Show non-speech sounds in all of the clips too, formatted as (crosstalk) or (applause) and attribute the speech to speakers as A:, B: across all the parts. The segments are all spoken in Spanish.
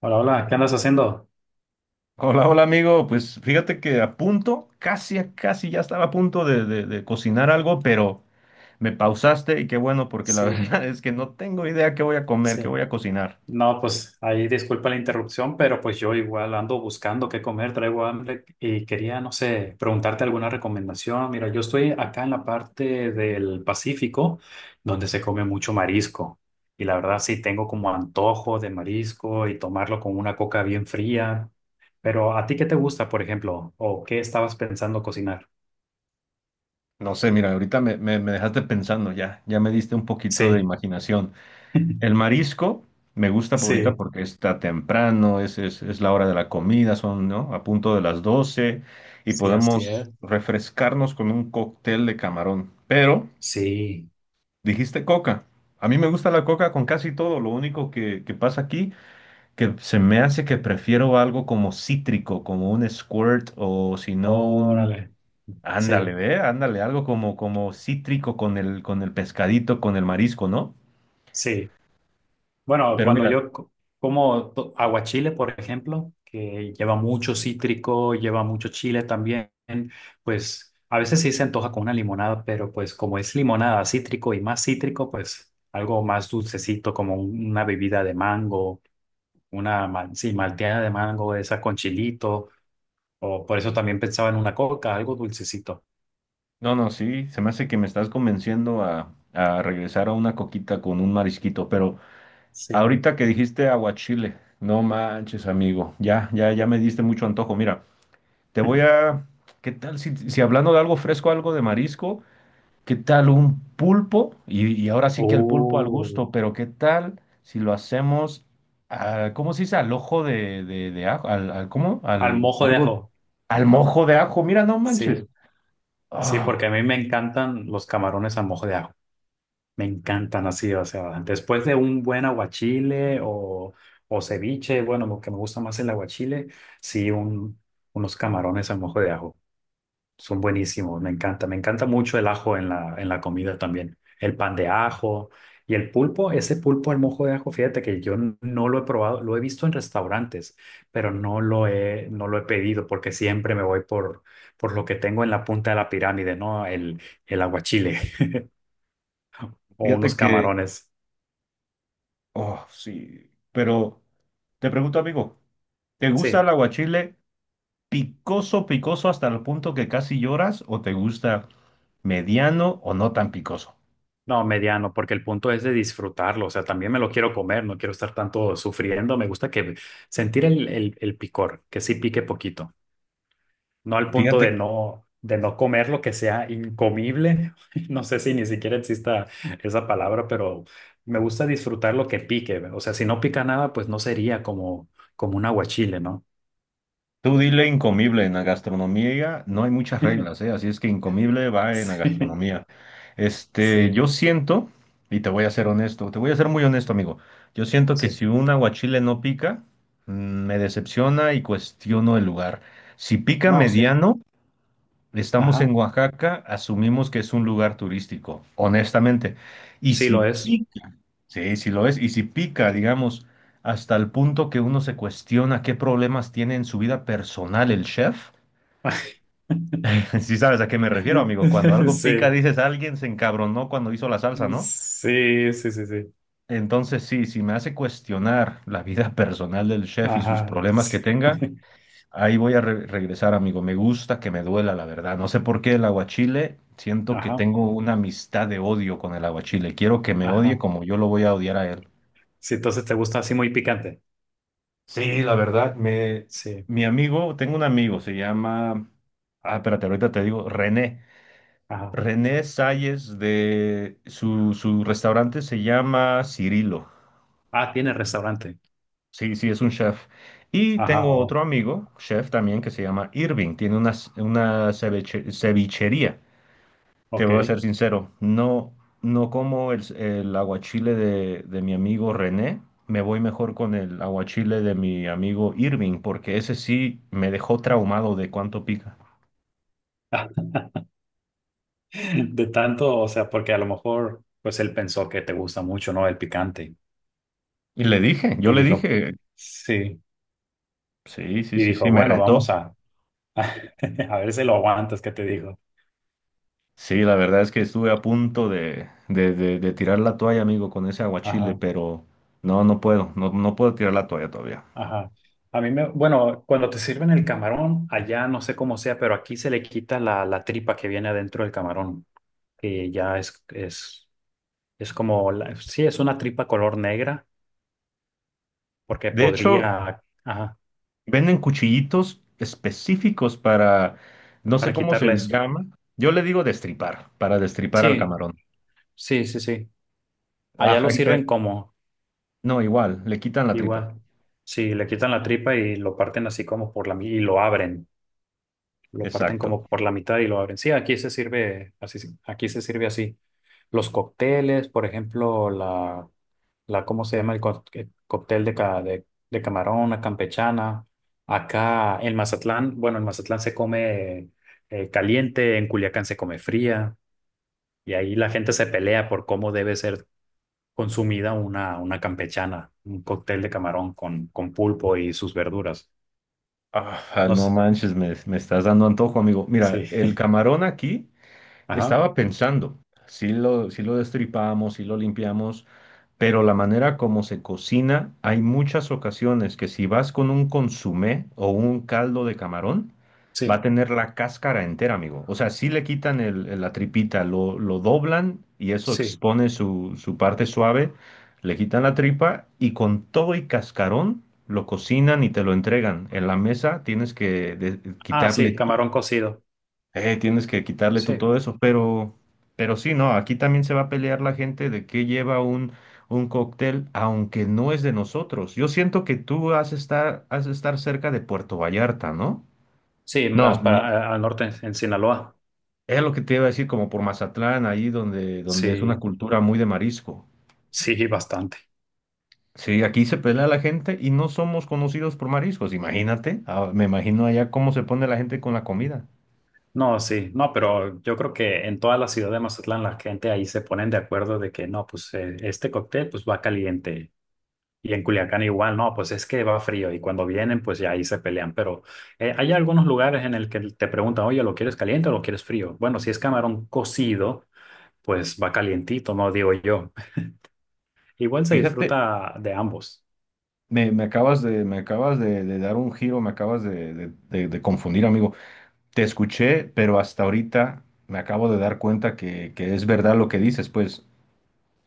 A: Hola, hola, ¿qué andas haciendo?
B: Hola, hola amigo. Pues fíjate que a punto, casi, a casi ya estaba a punto de cocinar algo, pero me pausaste y qué bueno, porque la (laughs)
A: Sí,
B: verdad es que no tengo idea qué voy a comer,
A: sí.
B: qué voy a cocinar.
A: No, pues ahí disculpa la interrupción, pero pues yo igual ando buscando qué comer, traigo hambre y quería, no sé, preguntarte alguna recomendación. Mira, yo estoy acá en la parte del Pacífico, donde se come mucho marisco. Y la verdad sí tengo como antojo de marisco y tomarlo con una coca bien fría. Pero ¿a ti qué te gusta, por ejemplo? ¿O qué estabas pensando cocinar?
B: No sé, mira, ahorita me dejaste pensando ya, ya me diste un poquito de
A: Sí,
B: imaginación. El
A: (laughs)
B: marisco me gusta por ahorita
A: sí,
B: porque está temprano, es la hora de la comida, son, ¿no? A punto de las 12 y
A: sí, así
B: podemos
A: es.
B: refrescarnos con un cóctel de camarón, pero…
A: Sí.
B: Dijiste coca. A mí me gusta la coca con casi todo. Lo único que pasa aquí, que se me hace que prefiero algo como cítrico, como un squirt o si no un…
A: Órale,
B: Ándale,
A: sí,
B: ve, ándale, algo como, como cítrico con el pescadito, con el marisco, ¿no?
A: sí. Bueno,
B: Pero
A: cuando
B: mira,
A: yo co- como to- aguachile, por ejemplo, que lleva mucho cítrico, lleva mucho chile también, pues a veces sí se antoja con una limonada, pero pues como es limonada cítrico y más cítrico, pues algo más dulcecito, como una bebida de mango, una malteada de mango, esa con chilito, o por eso también pensaba en una coca, algo dulcecito.
B: no, no, sí, se me hace que me estás convenciendo a regresar a una coquita con un marisquito, pero
A: Sí.
B: ahorita que dijiste aguachile, no manches, amigo, ya, ya, ya me diste mucho antojo, mira. Te voy
A: (laughs)
B: a… ¿Qué tal si hablando de algo fresco, algo de marisco? ¿Qué tal un pulpo? Y ahora sí que el pulpo al
A: Uh,
B: gusto, pero ¿qué tal si lo hacemos, a- ¿cómo se dice? Al ojo de ajo, al, al- ¿cómo?
A: Al
B: Al,
A: mojo de
B: algo,
A: ajo.
B: al mojo de ajo, mira, no manches.
A: Sí. Sí, porque a
B: Ah,
A: mí me encantan los camarones a mojo de ajo. Me encantan así, o sea, después de un buen aguachile o ceviche, bueno, lo que me gusta más el aguachile, sí, un, unos camarones a mojo de ajo. Son buenísimos, me encanta. Me encanta mucho el ajo en la comida también. El pan de ajo y el pulpo, ese pulpo al mojo de ajo, fíjate que yo no lo he probado, lo he visto en restaurantes, pero no lo he, no lo he pedido porque siempre me voy por lo que tengo en la punta de la pirámide, ¿no? El aguachile (laughs) o unos
B: fíjate que,
A: camarones.
B: oh, sí, pero te pregunto, amigo, ¿te gusta el
A: Sí,
B: aguachile picoso, picoso hasta el punto que casi lloras o te gusta mediano o no tan picoso?
A: no, mediano, porque el punto es de disfrutarlo, o sea, también me lo quiero comer, no quiero estar tanto sufriendo, me gusta que sentir el picor, que sí pique poquito. No al punto
B: Fíjate.
A: de no comer lo que sea incomible. (laughs) No sé si ni siquiera exista esa palabra, pero me gusta disfrutar lo que pique. O sea, si no pica nada, pues no sería como, como un aguachile, ¿no?
B: Tú dile incomible, en la gastronomía no hay muchas reglas, ¿eh? Así es que incomible va en la
A: (laughs)
B: gastronomía.
A: Sí,
B: Este, yo
A: sí,
B: siento, y te voy a ser honesto, te voy a ser muy honesto, amigo. Yo siento que
A: sí.
B: si un aguachile no pica, me decepciona y cuestiono el lugar. Si pica
A: No, sí.
B: mediano, estamos en
A: Ajá.
B: Oaxaca, asumimos que es un lugar turístico, honestamente. Y
A: Sí
B: si
A: lo es.
B: pica, sí, sí lo es, y si pica,
A: Sí.
B: digamos, hasta el punto que uno se cuestiona qué problemas tiene en su vida personal el chef.
A: (laughs)
B: (laughs) Sí sabes a qué me refiero, amigo. Cuando algo pica,
A: Sí,
B: dices, alguien se encabronó cuando hizo la salsa, ¿no?
A: sí, sí, sí, sí.
B: Entonces, sí, si me hace cuestionar la vida (laughs) personal del chef y sus
A: Ajá.
B: problemas
A: Sí.
B: que tenga.
A: (laughs)
B: Ahí voy a re- regresar, amigo. Me gusta que me duela, la verdad. No sé por qué el aguachile. Siento que
A: Ajá,
B: tengo una amistad de odio con el aguachile. Quiero que me odie
A: ajá.
B: como yo lo voy a odiar a él.
A: Sí, entonces te gusta así muy picante.
B: Sí, la verdad, me…
A: Sí,
B: Mi amigo, tengo un amigo, se llama… Ah, espérate, ahorita te digo, René.
A: ajá.
B: René Salles de… Su restaurante se llama Cirilo.
A: Ah, tiene restaurante.
B: Sí, sí, es un chef. Y
A: Ajá,
B: tengo
A: oh,
B: otro amigo, chef también, que se llama Irving. Tiene una ceviche- cevichería. Te voy a ser
A: ok.
B: sincero, no, no como el aguachile de mi amigo René, me voy mejor con el aguachile de mi amigo Irving, porque ese sí me dejó traumado de cuánto pica.
A: (laughs) De tanto, o sea, porque a lo mejor, pues él pensó que te gusta mucho, ¿no? El picante.
B: Y le dije, yo
A: Y
B: le
A: dijo,
B: dije,
A: sí.
B: sí, sí,
A: Y
B: sí, sí,
A: dijo,
B: me
A: bueno,
B: retó.
A: vamos a, (laughs) a ver si lo aguantas, ¿qué te digo?
B: Sí, la verdad es que estuve a punto de tirar la toalla, amigo, con ese aguachile,
A: Ajá,
B: pero no, no puedo, no, no puedo tirar la toalla todavía.
A: ajá. A mí me, bueno, cuando te sirven el camarón, allá no sé cómo sea, pero aquí se le quita la tripa que viene adentro del camarón, que ya es como, es una tripa color negra, porque
B: De hecho,
A: podría, ajá,
B: venden cuchillitos específicos para, no sé
A: para
B: cómo se
A: quitarle eso.
B: llama. Yo le digo destripar, para destripar al
A: Sí.
B: camarón.
A: Sí, sí, sí. Allá
B: Ah,
A: lo
B: ay,
A: sirven como
B: no, igual, le quitan la tripa.
A: igual. Sí, le quitan la tripa y lo parten así como por y lo abren. Lo parten
B: Exacto.
A: como por la mitad y lo abren. Sí, aquí se sirve así. Sí, aquí se sirve así. Los cócteles, por ejemplo, la, ¿cómo se llama el cóctel de, de camarón, la campechana? Acá en Mazatlán, bueno, en Mazatlán se come caliente, en Culiacán se come fría. Y ahí la gente se pelea por cómo debe ser consumida una campechana, un cóctel de camarón con pulpo y sus verduras.
B: Ah,
A: No
B: no
A: sé.
B: manches, me estás dando antojo, amigo.
A: Sí.
B: Mira, el
A: (laughs)
B: camarón aquí…
A: Ajá.
B: Estaba pensando, si lo destripamos, si lo limpiamos, pero la manera como se cocina, hay muchas ocasiones que si vas con un consomé o un caldo de camarón, va a
A: Sí.
B: tener la cáscara entera, amigo. O sea, si le quitan el- la tripita, lo doblan y eso
A: Sí.
B: expone su, su parte suave, le quitan la tripa y con todo y cascarón lo cocinan y te lo entregan. En la mesa tienes que de-
A: Ah, sí,
B: quitarle
A: camarón cocido.
B: tienes que quitarle tú
A: Sí.
B: todo eso, pero sí, no, aquí también se va a pelear la gente de qué lleva un cóctel, aunque no es de nosotros. Yo siento que tú has de estar cerca de Puerto Vallarta, ¿no?
A: Sí, más
B: No, bien.
A: para al norte, en Sinaloa.
B: Es lo que te iba a decir, como por Mazatlán, ahí donde, donde es una
A: Sí.
B: cultura muy de marisco.
A: Sí, bastante.
B: Sí, aquí se pelea la gente y no somos conocidos por mariscos, imagínate, ah, me imagino allá cómo se pone la gente con la comida.
A: No, sí. No, pero yo creo que en toda la ciudad de Mazatlán la gente ahí se ponen de acuerdo de que no, pues este cóctel pues va caliente. Y en Culiacán igual, no, pues es que va frío y cuando vienen, pues ya ahí se pelean. Pero hay algunos lugares en el que te preguntan, oye, ¿lo quieres caliente o lo quieres frío? Bueno, si es camarón cocido, pues va calientito, no digo yo. (laughs) Igual se
B: Fíjate,
A: disfruta de ambos.
B: me acabas de dar un giro, me acabas de confundir, amigo. Te escuché, pero hasta ahorita me acabo de dar cuenta que es verdad lo que dices. Pues,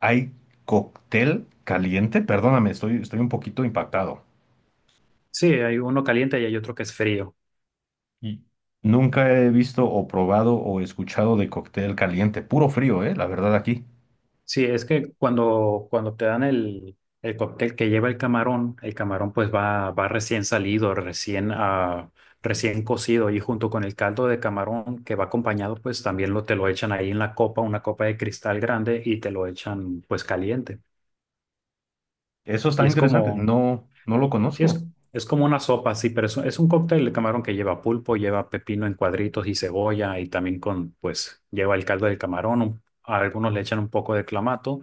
B: ¿hay cóctel caliente? Perdóname, estoy, estoy un poquito impactado.
A: Sí, hay uno caliente y hay otro que es frío.
B: Y nunca he visto o probado o escuchado de cóctel caliente, puro frío, ¿eh? La verdad aquí.
A: Sí, es que cuando, cuando te dan el cóctel que lleva el camarón pues va, va recién salido, recién cocido y junto con el caldo de camarón que va acompañado pues también lo, te lo echan ahí en la copa, una copa de cristal grande y te lo echan pues caliente.
B: Eso está
A: Y es
B: interesante.
A: como,
B: No, no lo
A: sí,
B: conozco.
A: es como una sopa, sí, pero es, es un cóctel de camarón que lleva pulpo, lleva pepino en cuadritos y cebolla y también con pues lleva el caldo del camarón, a algunos le echan un poco de clamato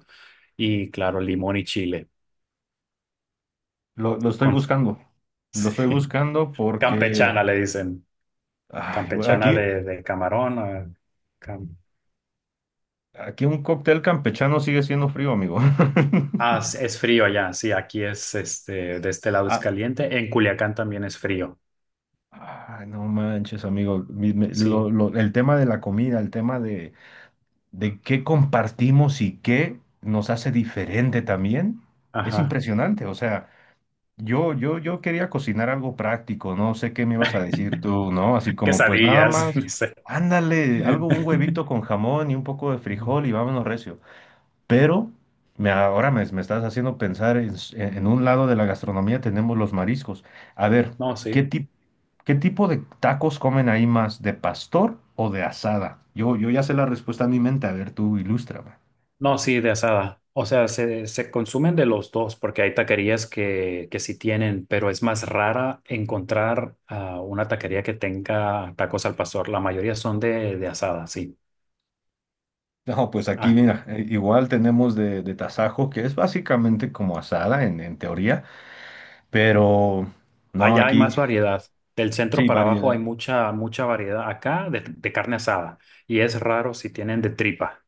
A: y claro, limón y chile.
B: Lo estoy
A: Con,
B: buscando.
A: (laughs)
B: Lo estoy
A: sí.
B: buscando porque
A: Campechana le dicen.
B: ay, güey,
A: Campechana
B: aquí,
A: de camarón. Cam-
B: aquí un cóctel campechano sigue siendo frío, amigo.
A: Ah,
B: (laughs)
A: es frío allá. Sí, aquí es este, de este lado es
B: Ah,
A: caliente. En Culiacán también es frío.
B: ay, no manches, amigo. Mi- me-
A: Sí,
B: lo- el tema de la comida, el tema de qué compartimos y qué nos hace diferente también, es
A: ajá.
B: impresionante. O sea, yo quería cocinar algo práctico, no sé qué me ibas a decir
A: (laughs)
B: tú, ¿no? Así como, pues nada
A: Quesadillas, (laughs)
B: más,
A: no sé.
B: ándale, algo, un huevito con jamón y un poco de
A: Ajá.
B: frijol y vámonos recio. Pero me, ahora me estás haciendo pensar en, s- en un lado de la gastronomía tenemos los mariscos. A ver,
A: No,
B: ¿qué
A: sí.
B: ti- qué tipo de tacos comen ahí más? ¿De pastor o de asada? Yo ya sé la respuesta en mi mente. A ver, tú ilústrame.
A: No, sí, de asada. O sea, se consumen de los dos porque hay taquerías que sí tienen, pero es más rara encontrar una taquería que tenga tacos al pastor. La mayoría son de asada, sí.
B: No, pues aquí
A: Ah,
B: mira, igual tenemos de tasajo, que es básicamente como asada en teoría, pero no,
A: allá hay
B: aquí
A: más variedad. Del centro
B: sí,
A: para abajo hay
B: variedad.
A: mucha, mucha variedad. Acá de carne asada. Y es raro si tienen de tripa.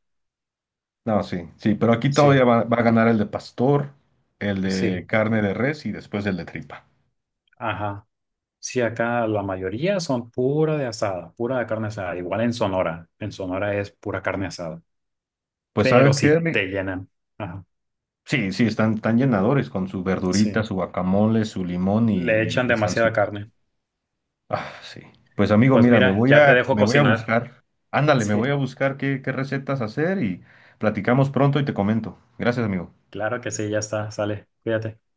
B: No, sí, sí, pero aquí todavía
A: Sí,
B: va, va a ganar el de pastor, el de
A: sí,
B: carne de res y después el de tripa.
A: ajá. Sí, acá la mayoría son pura de asada, pura de carne asada. Igual en Sonora. En Sonora es pura carne asada.
B: Pues ¿sabes
A: Pero
B: qué,
A: sí
B: Rick?
A: te llenan. Ajá,
B: Sí, sí, están tan llenadores con su verdurita,
A: sí.
B: su guacamole, su limón y,
A: Le
B: y-
A: echan
B: y
A: demasiada
B: salsita.
A: carne.
B: Ah, sí. Pues amigo,
A: Pues
B: mira, me
A: mira,
B: voy
A: ya te
B: a,
A: dejo
B: me voy a
A: cocinar.
B: buscar. Ándale, me voy a
A: Sí,
B: buscar qué, qué recetas hacer y platicamos pronto y te comento. Gracias, amigo.
A: claro que sí, ya está. Sale, cuídate.